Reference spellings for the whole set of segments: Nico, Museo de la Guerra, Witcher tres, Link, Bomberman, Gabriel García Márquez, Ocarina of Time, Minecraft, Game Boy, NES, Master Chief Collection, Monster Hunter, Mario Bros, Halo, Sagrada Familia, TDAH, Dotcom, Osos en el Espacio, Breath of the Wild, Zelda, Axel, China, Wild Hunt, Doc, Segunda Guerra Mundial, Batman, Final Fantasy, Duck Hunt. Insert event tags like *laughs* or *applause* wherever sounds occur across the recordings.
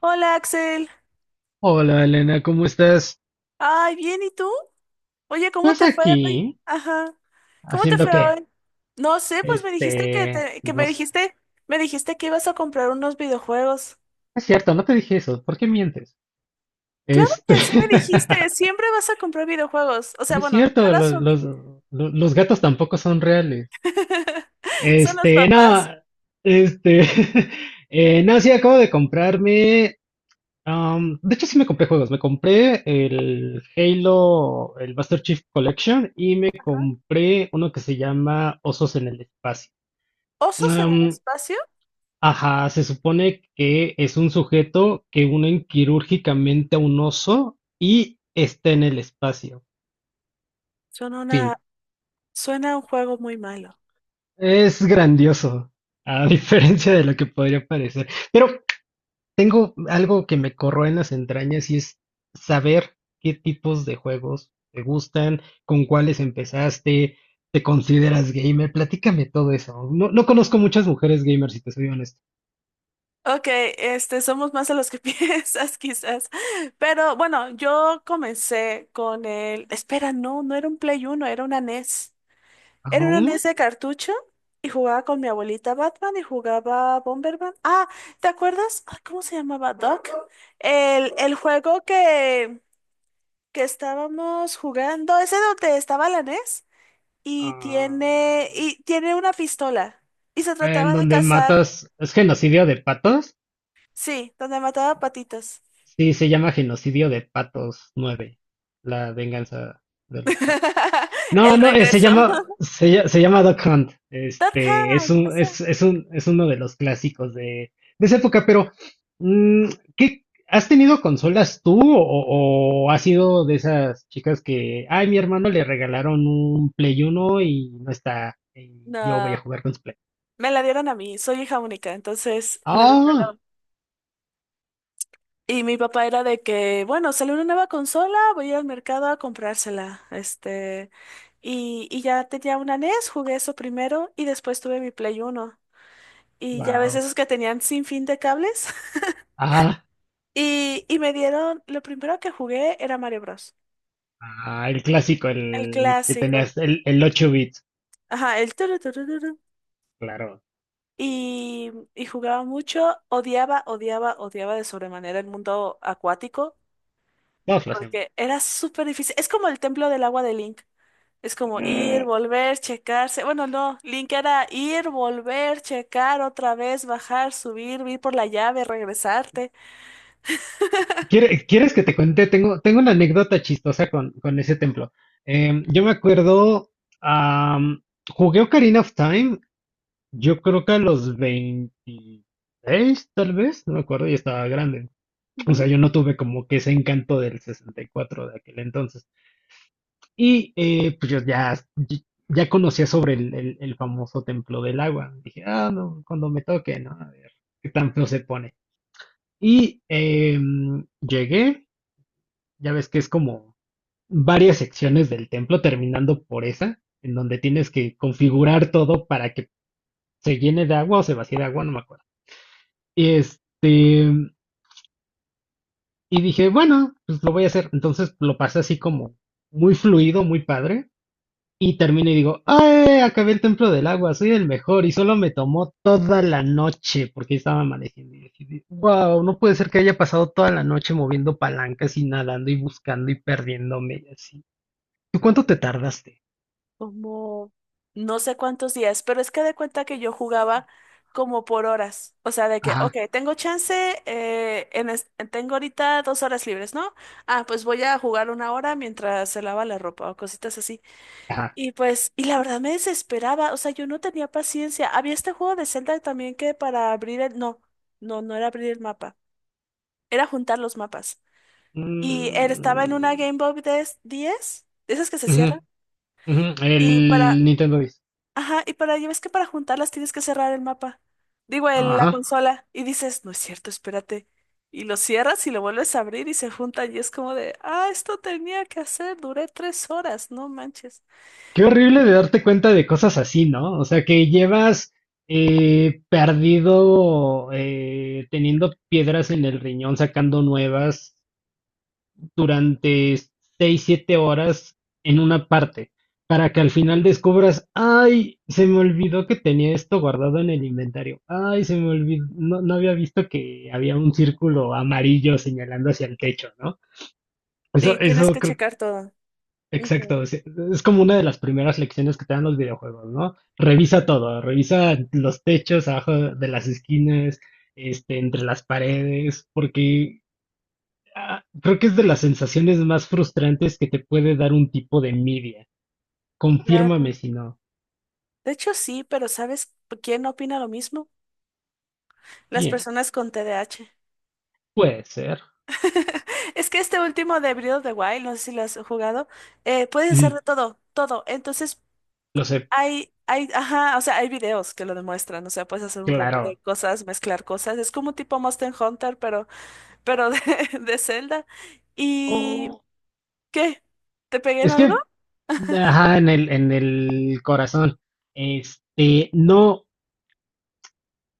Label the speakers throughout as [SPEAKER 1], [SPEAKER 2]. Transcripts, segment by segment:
[SPEAKER 1] Hola Axel.
[SPEAKER 2] Hola Elena, ¿cómo estás?
[SPEAKER 1] Ay, bien, ¿y tú? Oye, ¿cómo
[SPEAKER 2] Pues
[SPEAKER 1] te fue hoy?
[SPEAKER 2] aquí,
[SPEAKER 1] Ajá. ¿Cómo te
[SPEAKER 2] ¿haciendo
[SPEAKER 1] fue
[SPEAKER 2] qué?
[SPEAKER 1] hoy? No sé, pues me dijiste
[SPEAKER 2] No sé.
[SPEAKER 1] me dijiste que ibas a comprar unos videojuegos.
[SPEAKER 2] Es cierto, no te dije eso. ¿Por qué mientes?
[SPEAKER 1] Claro
[SPEAKER 2] Este,
[SPEAKER 1] que sí me dijiste,
[SPEAKER 2] *laughs*
[SPEAKER 1] siempre vas a comprar videojuegos. O
[SPEAKER 2] no
[SPEAKER 1] sea,
[SPEAKER 2] es
[SPEAKER 1] bueno, yo
[SPEAKER 2] cierto,
[SPEAKER 1] lo
[SPEAKER 2] los,
[SPEAKER 1] asumí.
[SPEAKER 2] los, lo- los gatos tampoco son reales.
[SPEAKER 1] *laughs* Son los
[SPEAKER 2] No,
[SPEAKER 1] papás.
[SPEAKER 2] este, *laughs* no, sí, acabo de comprarme. De hecho, sí me compré juegos. Me compré el Halo, el Master Chief Collection y me
[SPEAKER 1] Ajá.
[SPEAKER 2] compré uno que se llama Osos en el Espacio.
[SPEAKER 1] ¿Osos en el
[SPEAKER 2] Um,
[SPEAKER 1] espacio?
[SPEAKER 2] Ajá, se supone que es un sujeto que unen quirúrgicamente a un oso y está en el espacio.
[SPEAKER 1] Suena
[SPEAKER 2] Fin.
[SPEAKER 1] una, suena un juego muy malo.
[SPEAKER 2] Es grandioso, a *laughs* diferencia de lo que podría parecer. Pero tengo algo que me corroe en las entrañas y es saber qué tipos de juegos te gustan, con cuáles empezaste, te consideras gamer. Platícame todo eso. No, no conozco muchas mujeres gamers, si te soy honesto.
[SPEAKER 1] Ok, somos más de los que *laughs* piensas, quizás. Pero bueno, yo comencé con el. Espera, no, no era un Play uno, era una NES. Era una
[SPEAKER 2] Aún,
[SPEAKER 1] NES de cartucho y jugaba con mi abuelita Batman y jugaba Bomberman. Ah, ¿te acuerdas? Ay, ¿cómo se llamaba? Doc. El juego que estábamos jugando, ese donde estaba la NES y tiene,
[SPEAKER 2] ah.
[SPEAKER 1] una pistola y se
[SPEAKER 2] En
[SPEAKER 1] trataba de
[SPEAKER 2] donde
[SPEAKER 1] cazar,
[SPEAKER 2] matas, es genocidio de patos.
[SPEAKER 1] sí, donde mataba patitos.
[SPEAKER 2] Sí, se llama genocidio de patos 9, la venganza de los patos.
[SPEAKER 1] *laughs*
[SPEAKER 2] No,
[SPEAKER 1] El
[SPEAKER 2] no, se
[SPEAKER 1] regreso.
[SPEAKER 2] llama, se, lla- se llama Duck Hunt. Es
[SPEAKER 1] Dotcom,
[SPEAKER 2] un,
[SPEAKER 1] esa.
[SPEAKER 2] es, es un, es uno de los clásicos de esa época, pero, mm, ¿qué, has tenido consolas tú o has sido de esas chicas que, ay, mi hermano le regalaron un Play uno y no está, y yo voy a
[SPEAKER 1] No,
[SPEAKER 2] jugar con su Play?
[SPEAKER 1] me la dieron a mí. Soy hija única, entonces me lo
[SPEAKER 2] Ah,
[SPEAKER 1] regalaron. Y mi papá era de que, bueno, salió una nueva consola, voy al mercado a comprársela. Y ya tenía una NES, jugué eso primero y después tuve mi Play Uno. Y ya ves
[SPEAKER 2] wow.
[SPEAKER 1] esos que tenían sin fin de cables. *laughs*
[SPEAKER 2] Ah.
[SPEAKER 1] Y me dieron, lo primero que jugué era Mario Bros.
[SPEAKER 2] Ah, el clásico,
[SPEAKER 1] El
[SPEAKER 2] el que
[SPEAKER 1] clásico.
[SPEAKER 2] tenías, el 8 bits.
[SPEAKER 1] Ajá, el...
[SPEAKER 2] Claro,
[SPEAKER 1] Y jugaba mucho, odiaba, odiaba, odiaba de sobremanera el mundo acuático,
[SPEAKER 2] todos lo hacemos.
[SPEAKER 1] porque era súper difícil. Es como el templo del agua de Link. Es como ir,
[SPEAKER 2] Eh,
[SPEAKER 1] volver, checarse. Bueno, no, Link era ir, volver, checar otra vez, bajar, subir, ir por la llave, regresarte.
[SPEAKER 2] ¿Quieres que te cuente? Tengo una anécdota chistosa con ese templo. Yo me acuerdo, am, jugué Ocarina of Time, yo creo que a los 26 tal vez, no me acuerdo, y estaba grande. O sea, yo no tuve como que ese encanto del 64 de aquel entonces. Y pues yo ya, ya conocía sobre el famoso templo del agua. Dije, ah, no, cuando me toque, ¿no? A ver, qué tan feo se pone. Y llegué, ya ves que es como varias secciones del templo, terminando por esa, en donde tienes que configurar todo para que se llene de agua o se vacíe de agua, no me acuerdo. Y, este, y dije, bueno, pues lo voy a hacer. Entonces lo pasé así como muy fluido, muy padre. Y termino y digo, ¡ay! Acabé el templo del agua, soy el mejor. Y solo me tomó toda la noche, porque estaba amaneciendo. Y dije, wow, no puede ser que haya pasado toda la noche moviendo palancas y nadando y buscando y perdiéndome y así. ¿Tú cuánto te tardaste?
[SPEAKER 1] Como no sé cuántos días, pero es que de cuenta que yo jugaba como por horas, o sea, de que, ok,
[SPEAKER 2] Ajá,
[SPEAKER 1] tengo chance, tengo ahorita dos horas libres, ¿no? Ah, pues voy a jugar una hora mientras se lava la ropa o cositas así.
[SPEAKER 2] ajá.
[SPEAKER 1] Y pues, y la verdad me desesperaba, o sea, yo no tenía paciencia. Había este juego de Zelda también que para abrir no, no, no era abrir el mapa, era juntar los mapas. Y él estaba en una
[SPEAKER 2] Mm,
[SPEAKER 1] Game Boy diez de esas que se
[SPEAKER 2] ujú,
[SPEAKER 1] cierran.
[SPEAKER 2] ujú,
[SPEAKER 1] Y para,
[SPEAKER 2] el Nintendo Dice.
[SPEAKER 1] Ajá, ya ves que para juntarlas tienes que cerrar el mapa. Digo, la
[SPEAKER 2] Ajá.
[SPEAKER 1] consola. Y dices, no es cierto, espérate. Y lo cierras y lo vuelves a abrir y se juntan. Y es como de, ah, esto tenía que hacer, duré tres horas, no manches.
[SPEAKER 2] Qué horrible de darte cuenta de cosas así, ¿no? O sea, que llevas perdido, teniendo piedras en el riñón, sacando nuevas durante 6, 7 horas en una parte, para que al final descubras, ay, se me olvidó que tenía esto guardado en el inventario, ay, se me olvidó, no, no había visto que había un círculo amarillo señalando hacia el techo, ¿no? Eso,
[SPEAKER 1] Sí, tienes
[SPEAKER 2] eso
[SPEAKER 1] que
[SPEAKER 2] creo.
[SPEAKER 1] checar todo. Ujú.
[SPEAKER 2] Exacto, sí, es como una de las primeras lecciones que te dan los videojuegos, ¿no? Revisa todo, revisa los techos abajo de las esquinas, entre las paredes, porque creo que es de las sensaciones más frustrantes que te puede dar un tipo de media. Confírmame
[SPEAKER 1] Claro.
[SPEAKER 2] si no.
[SPEAKER 1] De hecho, sí, pero ¿sabes quién opina lo mismo? Las
[SPEAKER 2] Bien,
[SPEAKER 1] personas con T D A H.
[SPEAKER 2] puede ser.
[SPEAKER 1] *laughs* Es que este último de Breath of the Wild, no sé si lo has jugado, puedes
[SPEAKER 2] Mm,
[SPEAKER 1] hacer de todo, todo. Entonces.
[SPEAKER 2] lo sé,
[SPEAKER 1] Hay, ajá, o sea, hay videos que lo demuestran, o sea, puedes hacer un robot de
[SPEAKER 2] claro.
[SPEAKER 1] cosas, mezclar cosas, es como tipo Monster Hunter, pero, pero de, *laughs* de Zelda. ¿Y
[SPEAKER 2] Oh,
[SPEAKER 1] qué? ¿Te pegué en
[SPEAKER 2] es
[SPEAKER 1] algo?
[SPEAKER 2] que, ajá, en el corazón. No.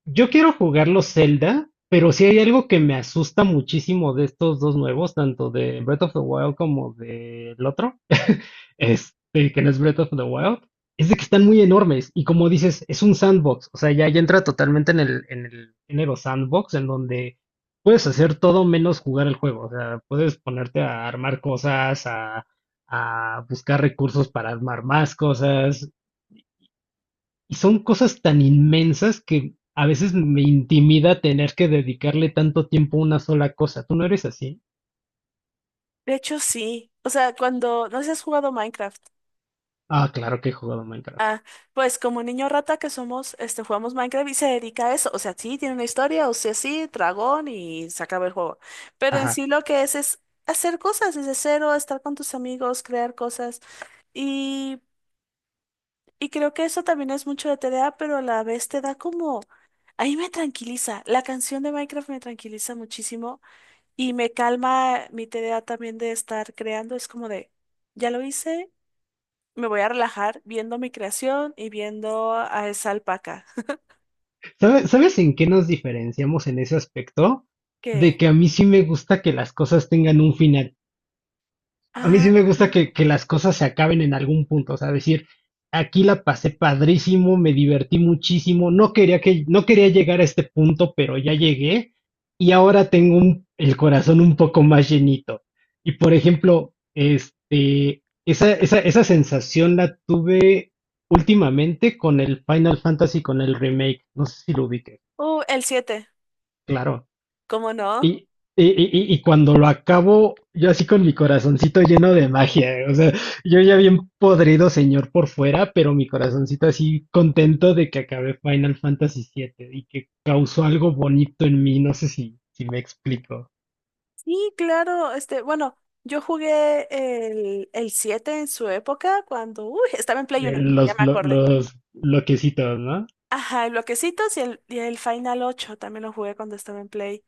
[SPEAKER 2] Yo quiero jugar los Zelda, pero si hay algo que me asusta muchísimo de estos dos nuevos, tanto de Breath of the Wild como del otro, *laughs* que no es Breath of the Wild, es de que están muy enormes. Y como dices, es un sandbox. O sea, ya entra totalmente en el género sandbox, en donde puedes hacer todo menos jugar el juego. O sea, puedes ponerte a armar cosas, a buscar recursos para armar más cosas. Y son cosas tan inmensas que a veces me intimida tener que dedicarle tanto tiempo a una sola cosa. ¿Tú no eres así?
[SPEAKER 1] De hecho, sí. O sea, cuando, no sé si has jugado Minecraft.
[SPEAKER 2] Ah, claro que he jugado Minecraft.
[SPEAKER 1] Ah, pues como niño rata que somos, jugamos Minecraft y se dedica a eso. O sea, sí, tiene una historia, o sea, sí, dragón y se acaba el juego. Pero en
[SPEAKER 2] Ajá.
[SPEAKER 1] sí lo que es hacer cosas desde cero, estar con tus amigos, crear cosas. y Y creo que eso también es mucho de TDA, pero a la vez te da como... Ahí me tranquiliza. La canción de Minecraft me tranquiliza muchísimo y me calma mi TDA también de estar creando. Es como de, ya lo hice, me voy a relajar viendo mi creación y viendo a esa alpaca.
[SPEAKER 2] ¿Sabes en qué nos diferenciamos en ese aspecto? De
[SPEAKER 1] Que,
[SPEAKER 2] que a mí sí me gusta que las cosas tengan un final. A mí sí me
[SPEAKER 1] ah,
[SPEAKER 2] gusta que las cosas se acaben en algún punto, o sea, decir, aquí la pasé padrísimo, me divertí muchísimo, no quería llegar a este punto, pero ya llegué y ahora tengo el corazón un poco más llenito. Y por ejemplo, esa sensación la tuve últimamente con el Final Fantasy, con el remake, no sé si lo ubiqué,
[SPEAKER 1] el siete,
[SPEAKER 2] claro.
[SPEAKER 1] ¿cómo no?
[SPEAKER 2] Y, y cuando lo acabo, yo así con mi corazoncito lleno de magia, o sea, yo ya bien podrido señor por fuera, pero mi corazoncito así contento de que acabé Final Fantasy siete y que causó algo bonito en mí, no sé si me explico.
[SPEAKER 1] Sí, claro, bueno, yo jugué el 7 en su época cuando, uy, estaba en Play Uno, ya me acordé.
[SPEAKER 2] Los bloquecitos, ¿no?
[SPEAKER 1] Ajá, el Bloquecitos y el Final ocho también lo jugué cuando estaba en Play.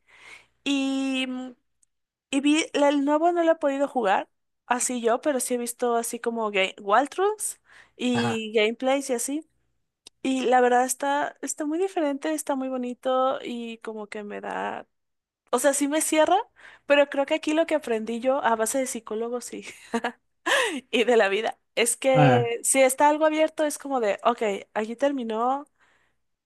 [SPEAKER 1] Y, mm, y vi, el nuevo no lo he podido jugar, así yo, pero sí he visto así como game, walkthroughs
[SPEAKER 2] Ajá.
[SPEAKER 1] y gameplays y así. Y la verdad está muy diferente, está muy bonito y como que me da, o sea, sí me cierra, pero creo que aquí lo que aprendí yo a base de psicólogos y, *laughs* y de la vida es
[SPEAKER 2] Ah,
[SPEAKER 1] que si está algo abierto es como de, ok, aquí terminó.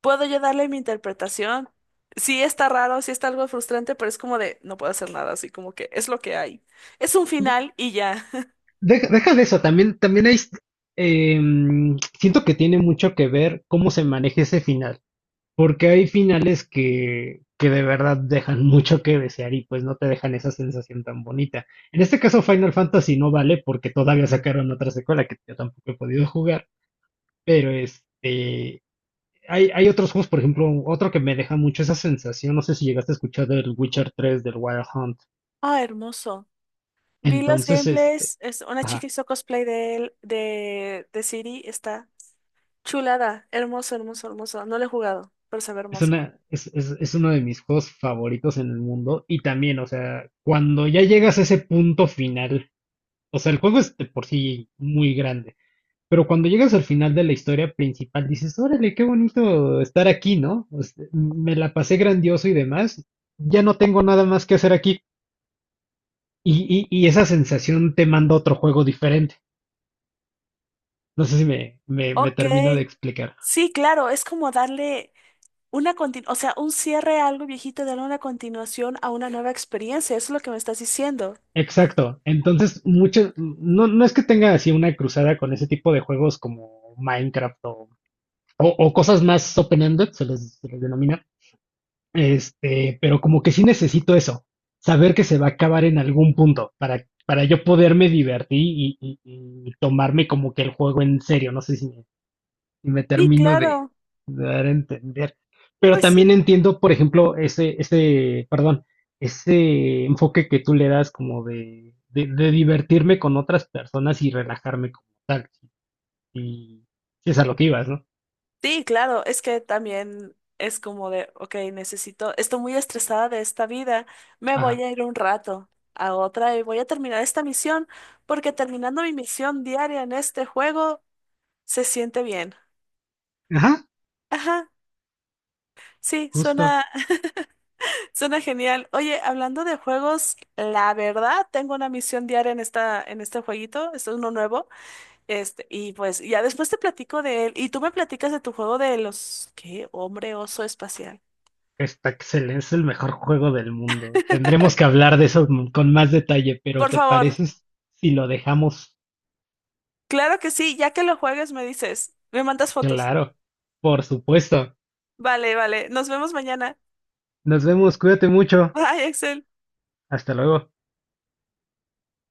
[SPEAKER 1] Puedo yo darle mi interpretación. Sí está raro, sí está algo frustrante, pero es como de, no puedo hacer nada, así como que es lo que hay. Es un final y ya. *laughs*
[SPEAKER 2] deja, deja de eso, también hay, siento que tiene mucho que ver cómo se maneja ese final. Porque hay finales que de verdad dejan *laughs* mucho que desear y pues no te dejan esa sensación tan bonita. En este caso Final Fantasy no vale porque todavía sacaron otra secuela que yo tampoco he podido jugar, pero hay otros juegos, por ejemplo, otro que me deja mucho esa sensación, no sé si llegaste a escuchar del Witcher tres del Wild Hunt.
[SPEAKER 1] Ah, hermoso. Vi los
[SPEAKER 2] Entonces,
[SPEAKER 1] gameplays, una chica
[SPEAKER 2] ajá,
[SPEAKER 1] hizo cosplay de él, de Siri, está chulada, hermoso, hermoso, hermoso. No lo he jugado, pero se ve
[SPEAKER 2] es
[SPEAKER 1] hermoso.
[SPEAKER 2] una, es uno de mis juegos favoritos en el mundo y también, o sea, cuando ya llegas a ese punto final. O sea, el juego es de por sí muy grande. Pero cuando llegas al final de la historia principal, dices, órale, qué bonito estar aquí, ¿no? O sea, me la pasé grandioso y demás. Ya no tengo nada más que hacer aquí. Y esa sensación te manda a otro juego diferente. No sé si me
[SPEAKER 1] Ok,
[SPEAKER 2] termino de explicar.
[SPEAKER 1] sí, claro, es como darle una continuación, o sea, un cierre a algo viejito, darle una continuación a una nueva experiencia, eso es lo que me estás diciendo.
[SPEAKER 2] Exacto. Entonces, no, no es que tenga así una cruzada con ese tipo de juegos como Minecraft o, o cosas más open-ended, se les denomina. Pero como que sí necesito eso, saber que se va a acabar en algún punto para yo poderme divertir y, y tomarme como que el juego en serio. No sé si me
[SPEAKER 1] Sí,
[SPEAKER 2] termino de,
[SPEAKER 1] claro.
[SPEAKER 2] de dar a entender. Pero
[SPEAKER 1] Pues sí,
[SPEAKER 2] también entiendo, por ejemplo, perdón, ese enfoque que tú le das como de divertirme con otras personas y relajarme como tal. Y si es a lo que ibas, ¿no?
[SPEAKER 1] sí, claro, es que también es como de, ok, necesito, estoy muy estresada de esta vida, me voy
[SPEAKER 2] Ajá.
[SPEAKER 1] a ir un rato a otra y voy a terminar esta misión, porque terminando mi misión diaria en este juego se siente bien.
[SPEAKER 2] Ajá,
[SPEAKER 1] Ajá, sí,
[SPEAKER 2] justo.
[SPEAKER 1] suena, *laughs* suena genial. Oye, hablando de juegos, la verdad, tengo una misión diaria en este jueguito, este es uno nuevo, y pues ya después te platico de él, y tú me platicas de tu juego de los, ¿qué? Hombre oso espacial.
[SPEAKER 2] Está excelente, es el mejor juego del mundo. Tendremos que hablar de eso con más detalle, pero
[SPEAKER 1] Por
[SPEAKER 2] ¿te
[SPEAKER 1] favor,
[SPEAKER 2] parece si lo dejamos
[SPEAKER 1] claro que sí, ya que lo juegues me dices, me mandas fotos.
[SPEAKER 2] claro? Por supuesto.
[SPEAKER 1] Vale, vale, nos vemos mañana.
[SPEAKER 2] Nos vemos, cuídate mucho.
[SPEAKER 1] Bye, Axel.
[SPEAKER 2] Hasta luego.